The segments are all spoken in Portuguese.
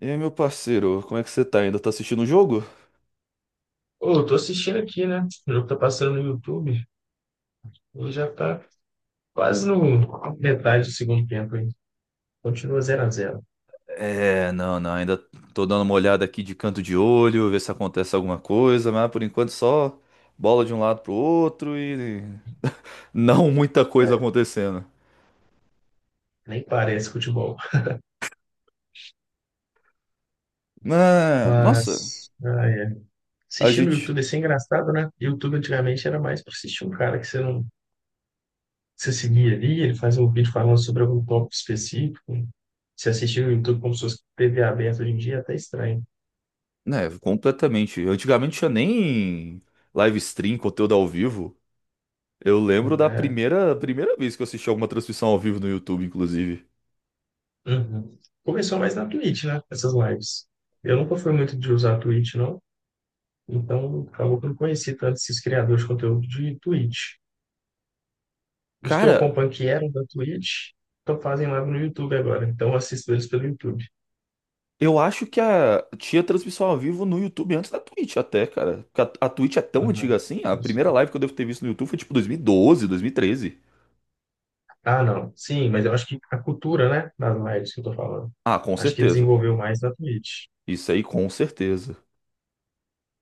E aí, meu parceiro, como é que você tá? Ainda tá assistindo o jogo? Ô, eu tô assistindo aqui, né? O jogo tá passando no YouTube e já tá quase no metade do segundo tempo ainda. Continua zero a 0. É, não, não, ainda tô dando uma olhada aqui de canto de olho, ver se acontece alguma coisa, mas por enquanto só bola de um lado pro outro e não muita coisa acontecendo. Nem parece futebol. Ah, nossa, Mas, ah, é. a Assistir no gente, YouTube assim é engraçado, né? YouTube antigamente era mais pra assistir um cara que você não você seguia ali, ele faz um vídeo falando sobre algum tópico específico. Se assistir no YouTube como se fosse TV aberta hoje em dia é até estranho, né, completamente. Antigamente tinha nem live stream, conteúdo ao vivo. Eu lembro da né? primeira vez que eu assisti alguma transmissão ao vivo no YouTube, inclusive. Uhum. Começou mais na Twitch, né? Essas lives. Eu nunca fui muito de usar Twitch, não. Então, acabou que eu não conheci tanto esses criadores de conteúdo de Twitch. Os que eu Cara, acompanho que eram da Twitch, estão fazem live no YouTube agora. Então, eu assisto eles pelo YouTube. eu acho que a tinha transmissão ao vivo no YouTube antes da Twitch até, cara. Porque a Twitch é tão Ah, não. antiga assim, a primeira live que eu devo ter visto no YouTube foi tipo 2012, 13. Ah, não. Sim, mas eu acho que a cultura, né, das lives que eu tô falando, Ah, com acho que certeza. desenvolveu mais na Twitch. Isso aí, com certeza.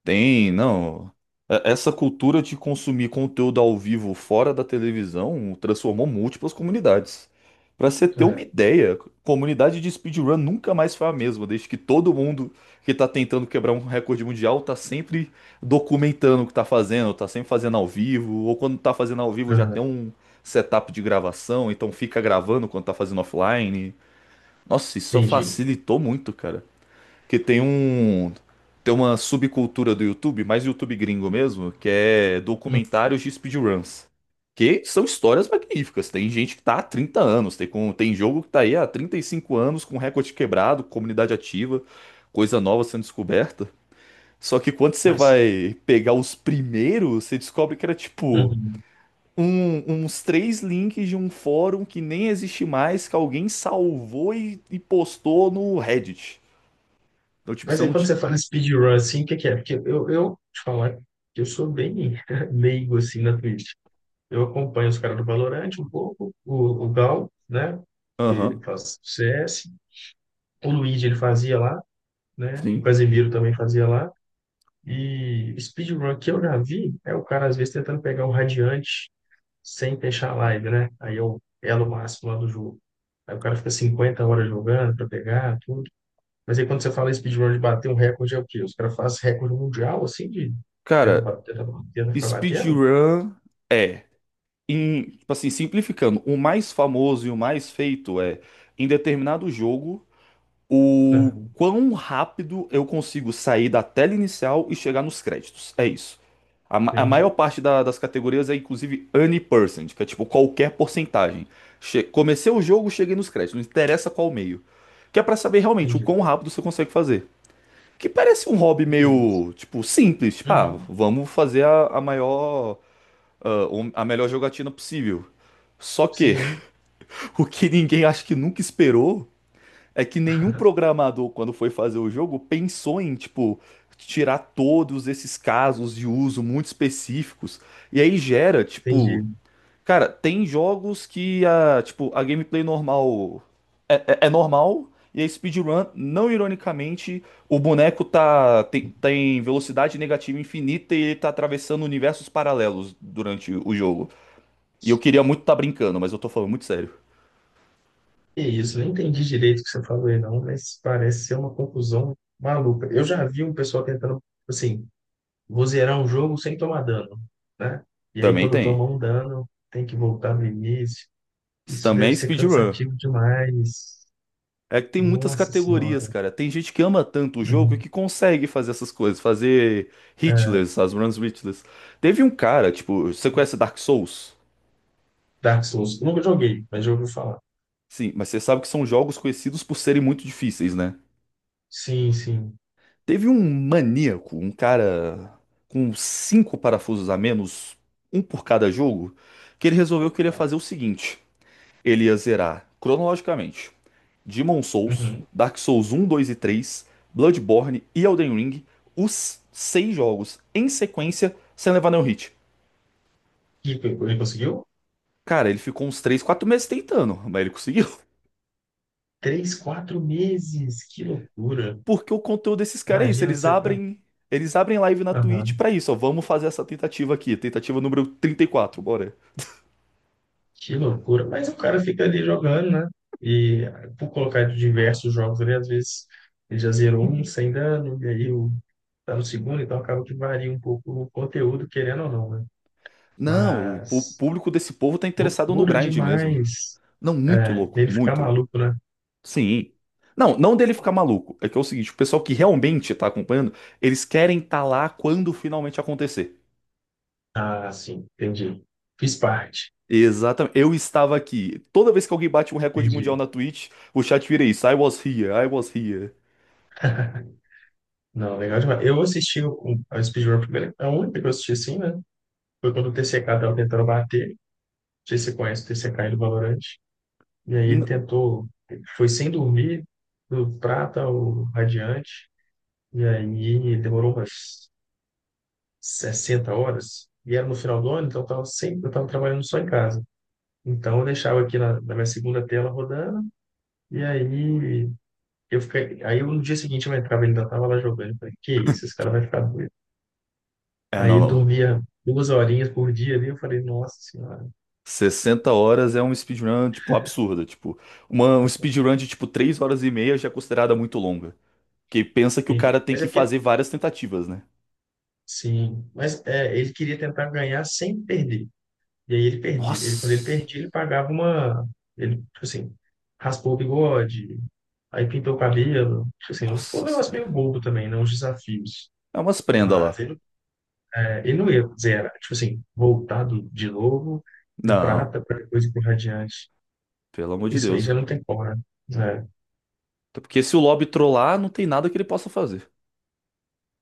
Tem, não. Essa cultura de consumir conteúdo ao vivo fora da televisão transformou múltiplas comunidades. Pra você ter uma É. ideia, comunidade de speedrun nunca mais foi a mesma, desde que todo mundo que tá tentando quebrar um recorde mundial tá sempre documentando o que tá fazendo, tá sempre fazendo ao vivo, ou quando tá fazendo ao vivo já Aham. tem um setup de gravação, então fica gravando quando tá fazendo offline. Nossa, isso Entendi. facilitou muito, cara, que tem um, tem uma subcultura do YouTube, mais YouTube gringo mesmo, que é Hum. documentários de speedruns. Que são histórias magníficas. Tem gente que tá há 30 anos, tem, com, tem jogo que tá aí há 35 anos, com recorde quebrado, comunidade ativa, coisa nova sendo descoberta. Só que quando você Mas, vai pegar os primeiros, você descobre que era tipo uhum. Uns três links de um fórum que nem existe mais, que alguém salvou e postou no Reddit. Então, tipo, Mas você aí não. quando t- você fala speedrun, assim, o que que é? Porque eu te falar que eu sou bem leigo, assim, na Twitch. Eu acompanho os caras do Valorant um pouco, o Gal, né? Ele Aham. faz CS, o Luigi ele fazia lá, né? O Sim. Casemiro também fazia lá. E speedrun que eu já vi é o cara às vezes tentando pegar o Radiante sem fechar a live, né? Aí é o elo máximo lá do jogo. Aí o cara fica 50 horas jogando para pegar tudo. Mas aí quando você fala em speedrun de bater um recorde é o quê? Os caras fazem recorde mundial assim de Cara, tenta, tenta, tenta ficar batendo? speedrun é, em, tipo assim, simplificando, o mais famoso e o mais feito é, em determinado jogo, o Uhum, quão rápido eu consigo sair da tela inicial e chegar nos créditos. É isso. A, a maior entendi, parte das categorias é, inclusive, any percent, que é tipo qualquer porcentagem. Comecei o jogo, cheguei nos créditos, não interessa qual meio. Que é pra saber realmente o entendi. quão rápido você consegue fazer. Que parece um hobby Que isso? meio, tipo, simples. Tipo, ah, Uhum. vamos fazer a maior, ah, a melhor jogatina possível. Só que Sim, o que ninguém acho que nunca esperou é que nenhum programador, quando foi fazer o jogo, pensou em, tipo, tirar todos esses casos de uso muito específicos. E aí gera, tipo. entendi. Cara, tem jogos que a, tipo, a gameplay normal é, é normal e a speedrun, não ironicamente, o boneco tá tem, tem velocidade negativa infinita e ele tá atravessando universos paralelos durante o jogo. E eu queria muito tá brincando, mas eu tô falando muito sério. Que isso, eu não entendi direito o que você falou aí, não, mas parece ser uma conclusão maluca. Eu já vi um pessoal tentando, assim, vou zerar um jogo sem tomar dano, né? E aí, Também quando tem. toma um dano, tem que voltar no início. Isso Isso também deve é ser speedrun. cansativo demais. É que tem muitas Nossa categorias, Senhora. cara. Tem gente que ama tanto o jogo Uhum. que consegue fazer essas coisas, fazer hitless, as runs hitless. Teve um cara, tipo, você conhece Dark Souls? Dark Souls. Eu nunca joguei, mas já ouvi falar. Sim, mas você sabe que são jogos conhecidos por serem muito difíceis, né? Sim, sim. Teve um maníaco, um cara com cinco parafusos a menos, um por cada jogo, que ele resolveu que ele ia fazer o seguinte: ele ia zerar cronologicamente Demon Souls, Uhum. Dark Souls um, 2 e 3, Bloodborne e Elden Ring, os seis jogos em sequência, sem levar nenhum hit. E ele conseguiu? Cara, ele ficou uns 3, 4 meses tentando, mas ele conseguiu. Três, quatro meses. Que loucura. Porque o conteúdo desses caras é isso, Imagina você tá. Eles abrem live na Twitch Aham. pra isso, ó, vamos fazer essa tentativa aqui, tentativa número 34, bora. Que loucura. Mas o cara fica ali jogando, né? E por colocar diversos jogos ali, às vezes ele já zerou um sem dano, e aí o, tá no segundo, então acaba que varia um pouco o conteúdo, querendo ou não, né? Não, o Mas público desse povo tá interessado no loucura grind mesmo. demais. Não, muito É, louco, ele ficar muito louco. maluco, né? Sim. Não, não dele ficar maluco. É que é o seguinte, o pessoal que realmente tá acompanhando, eles querem estar lá quando finalmente acontecer. Ah, sim, entendi. Fiz parte. Exatamente. Eu estava aqui. Toda vez que alguém bate um recorde mundial Entendi. na Twitch, o chat vira isso. I was here, I was here. Não, legal demais. Eu assisti o, a Speedrun primeiro, a única que eu assisti assim, né? Foi quando o TCK tava tentando bater. Não sei se você conhece o TCK e do Valorant. E aí ele N- tentou, ele foi sem dormir, do prata ao radiante, e aí ele demorou umas 60 horas, e era no final do ano, então eu estava sempre, eu tava trabalhando só em casa. Então eu deixava aqui na, na minha segunda tela rodando, e aí eu fiquei, aí eu, no dia seguinte eu entrava, ele ainda estava lá jogando, eu falei, que isso, esse cara vai ficar doido. é, não, Aí não. dormia 2 horinhas por dia ali, eu falei, nossa senhora, 60 horas é um speedrun, tipo, absurda. Tipo, uma, um speedrun de, tipo, 3 horas e meia já é considerada muito longa. Porque pensa que o cara entendi. tem Mas que é que fazer várias tentativas, né? sim, mas é, ele queria tentar ganhar sem perder. E aí ele perdia. Ele, quando ele Nossa! perdia, ele pagava uma. Ele, tipo assim, raspou o bigode, aí pintou o cabelo. Tipo assim, ficou um Nossa negócio senhora. meio bobo também, não os desafios. É umas prendas lá. Mas ele, é, ele não ia zerar. Tipo assim, voltado de novo, de Não, prata, para depois ir pro radiante. pelo amor de Isso aí Deus, já pô. não tem como, né? É. Até porque se o lobby trollar, não tem nada que ele possa fazer.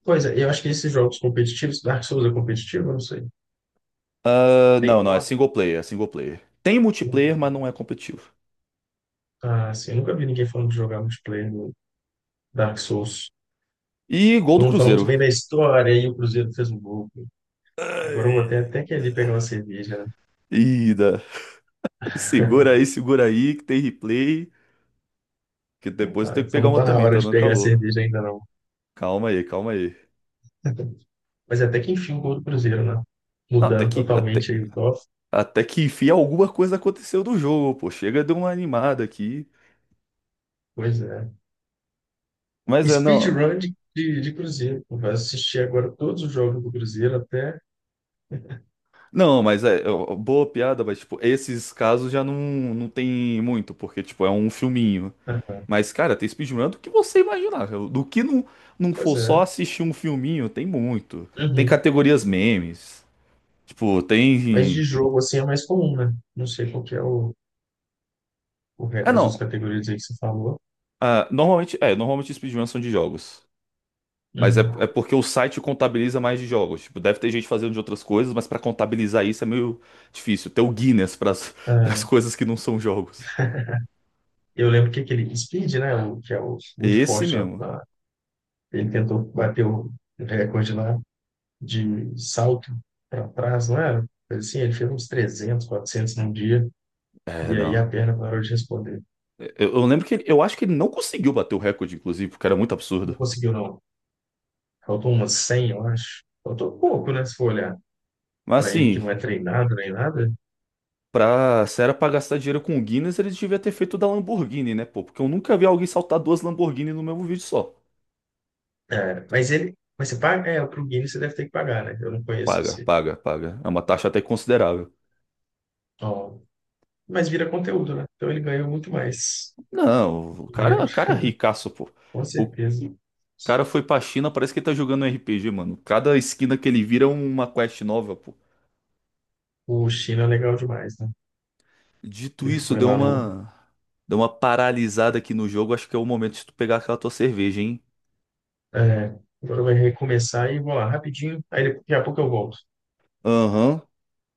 Pois é, eu acho que esses jogos competitivos, Dark Souls é competitivo, eu não sei. Ah, não, Tem não, é modo? single player, é single player. Tem Sim. multiplayer, mas não é competitivo. Ah, sim, eu nunca vi ninguém falando de jogar multiplayer no Dark Souls. E gol Todo do mundo falou muito Cruzeiro. bem da história, e o Cruzeiro fez um gol. Agora eu vou até, até que ali pegar uma cerveja, né? Ida. Segura aí, que tem replay. Que depois eu Ah, tenho que então pegar não uma tá na também, hora tá de dando pegar a calor. cerveja ainda não. Calma aí, calma aí. Mas até que enfim o gol do Cruzeiro, né? Não, Mudando totalmente aí o top. até que enfim alguma coisa aconteceu do jogo, pô. Chega de uma animada aqui. Pois é. Mas é, não. Speedrun de Cruzeiro. Pô. Vai assistir agora todos os jogos do Cruzeiro até. Não, mas é, é, ó, boa piada, mas, tipo, esses casos já não, não tem muito, porque, tipo, é um filminho. Aham. Mas, cara, tem speedrun do que você imaginar. Do que não, não Pois for só é. assistir um filminho, tem muito. Tem Uhum. categorias memes. Tipo, Mas tem. de jogo assim é mais comum, né? Não sei qual que é o re- Ah, as outras não. categorias aí que você falou. Ah, normalmente, é, normalmente speedruns são de jogos. Mas é, Uhum. é porque o site contabiliza mais de jogos. Tipo, deve ter gente fazendo de outras coisas, mas pra contabilizar isso é meio difícil. Ter o Guinness pras as Ah, coisas que não são jogos. eu lembro que aquele Speed, né? O, que é o muito Esse forte mesmo. lá. Ele tentou bater o recorde lá de salto para trás, não era? Assim, ele fez uns 300, 400 num dia, É, e aí não. a perna parou de responder. Eu lembro que ele- eu acho que ele não conseguiu bater o recorde, inclusive, porque era muito Não absurdo. conseguiu, não. Faltou umas 100 eu acho. Faltou pouco, né? Se for olhar Mas para ele que assim, não é treinado nem nada. pra, se era pra gastar dinheiro com o Guinness, eles deviam ter feito o da Lamborghini, né, pô? Porque eu nunca vi alguém saltar duas Lamborghini no mesmo vídeo só. É, mas ele, mas você paga, é, para o Guinness você deve ter que pagar, né? Eu não conheço Paga, você. paga, paga. É uma taxa até considerável. Ó, mas vira conteúdo, né? Então ele ganhou muito mais Não, dinheiro, o cara é ricaço, pô. com O, o certeza. cara foi pra China, parece que ele tá jogando um RPG, mano. Cada esquina que ele vira é uma quest nova, pô. O China é legal demais, né? Dito Ele isso, foi deu lá no. uma. Deu uma paralisada aqui no jogo. Acho que é o momento de tu pegar aquela tua cerveja, hein? É, agora vai recomeçar e vou lá rapidinho, aí daqui a pouco eu volto. Aham.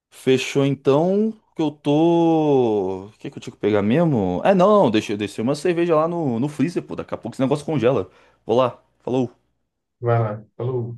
Fechou então. Que eu tô. O que que eu tinha que pegar mesmo? É, não, deixa, deixa, deixei uma cerveja lá no, no freezer, pô. Daqui a pouco esse negócio congela. Vou lá. Falou. Vai lá. Falou.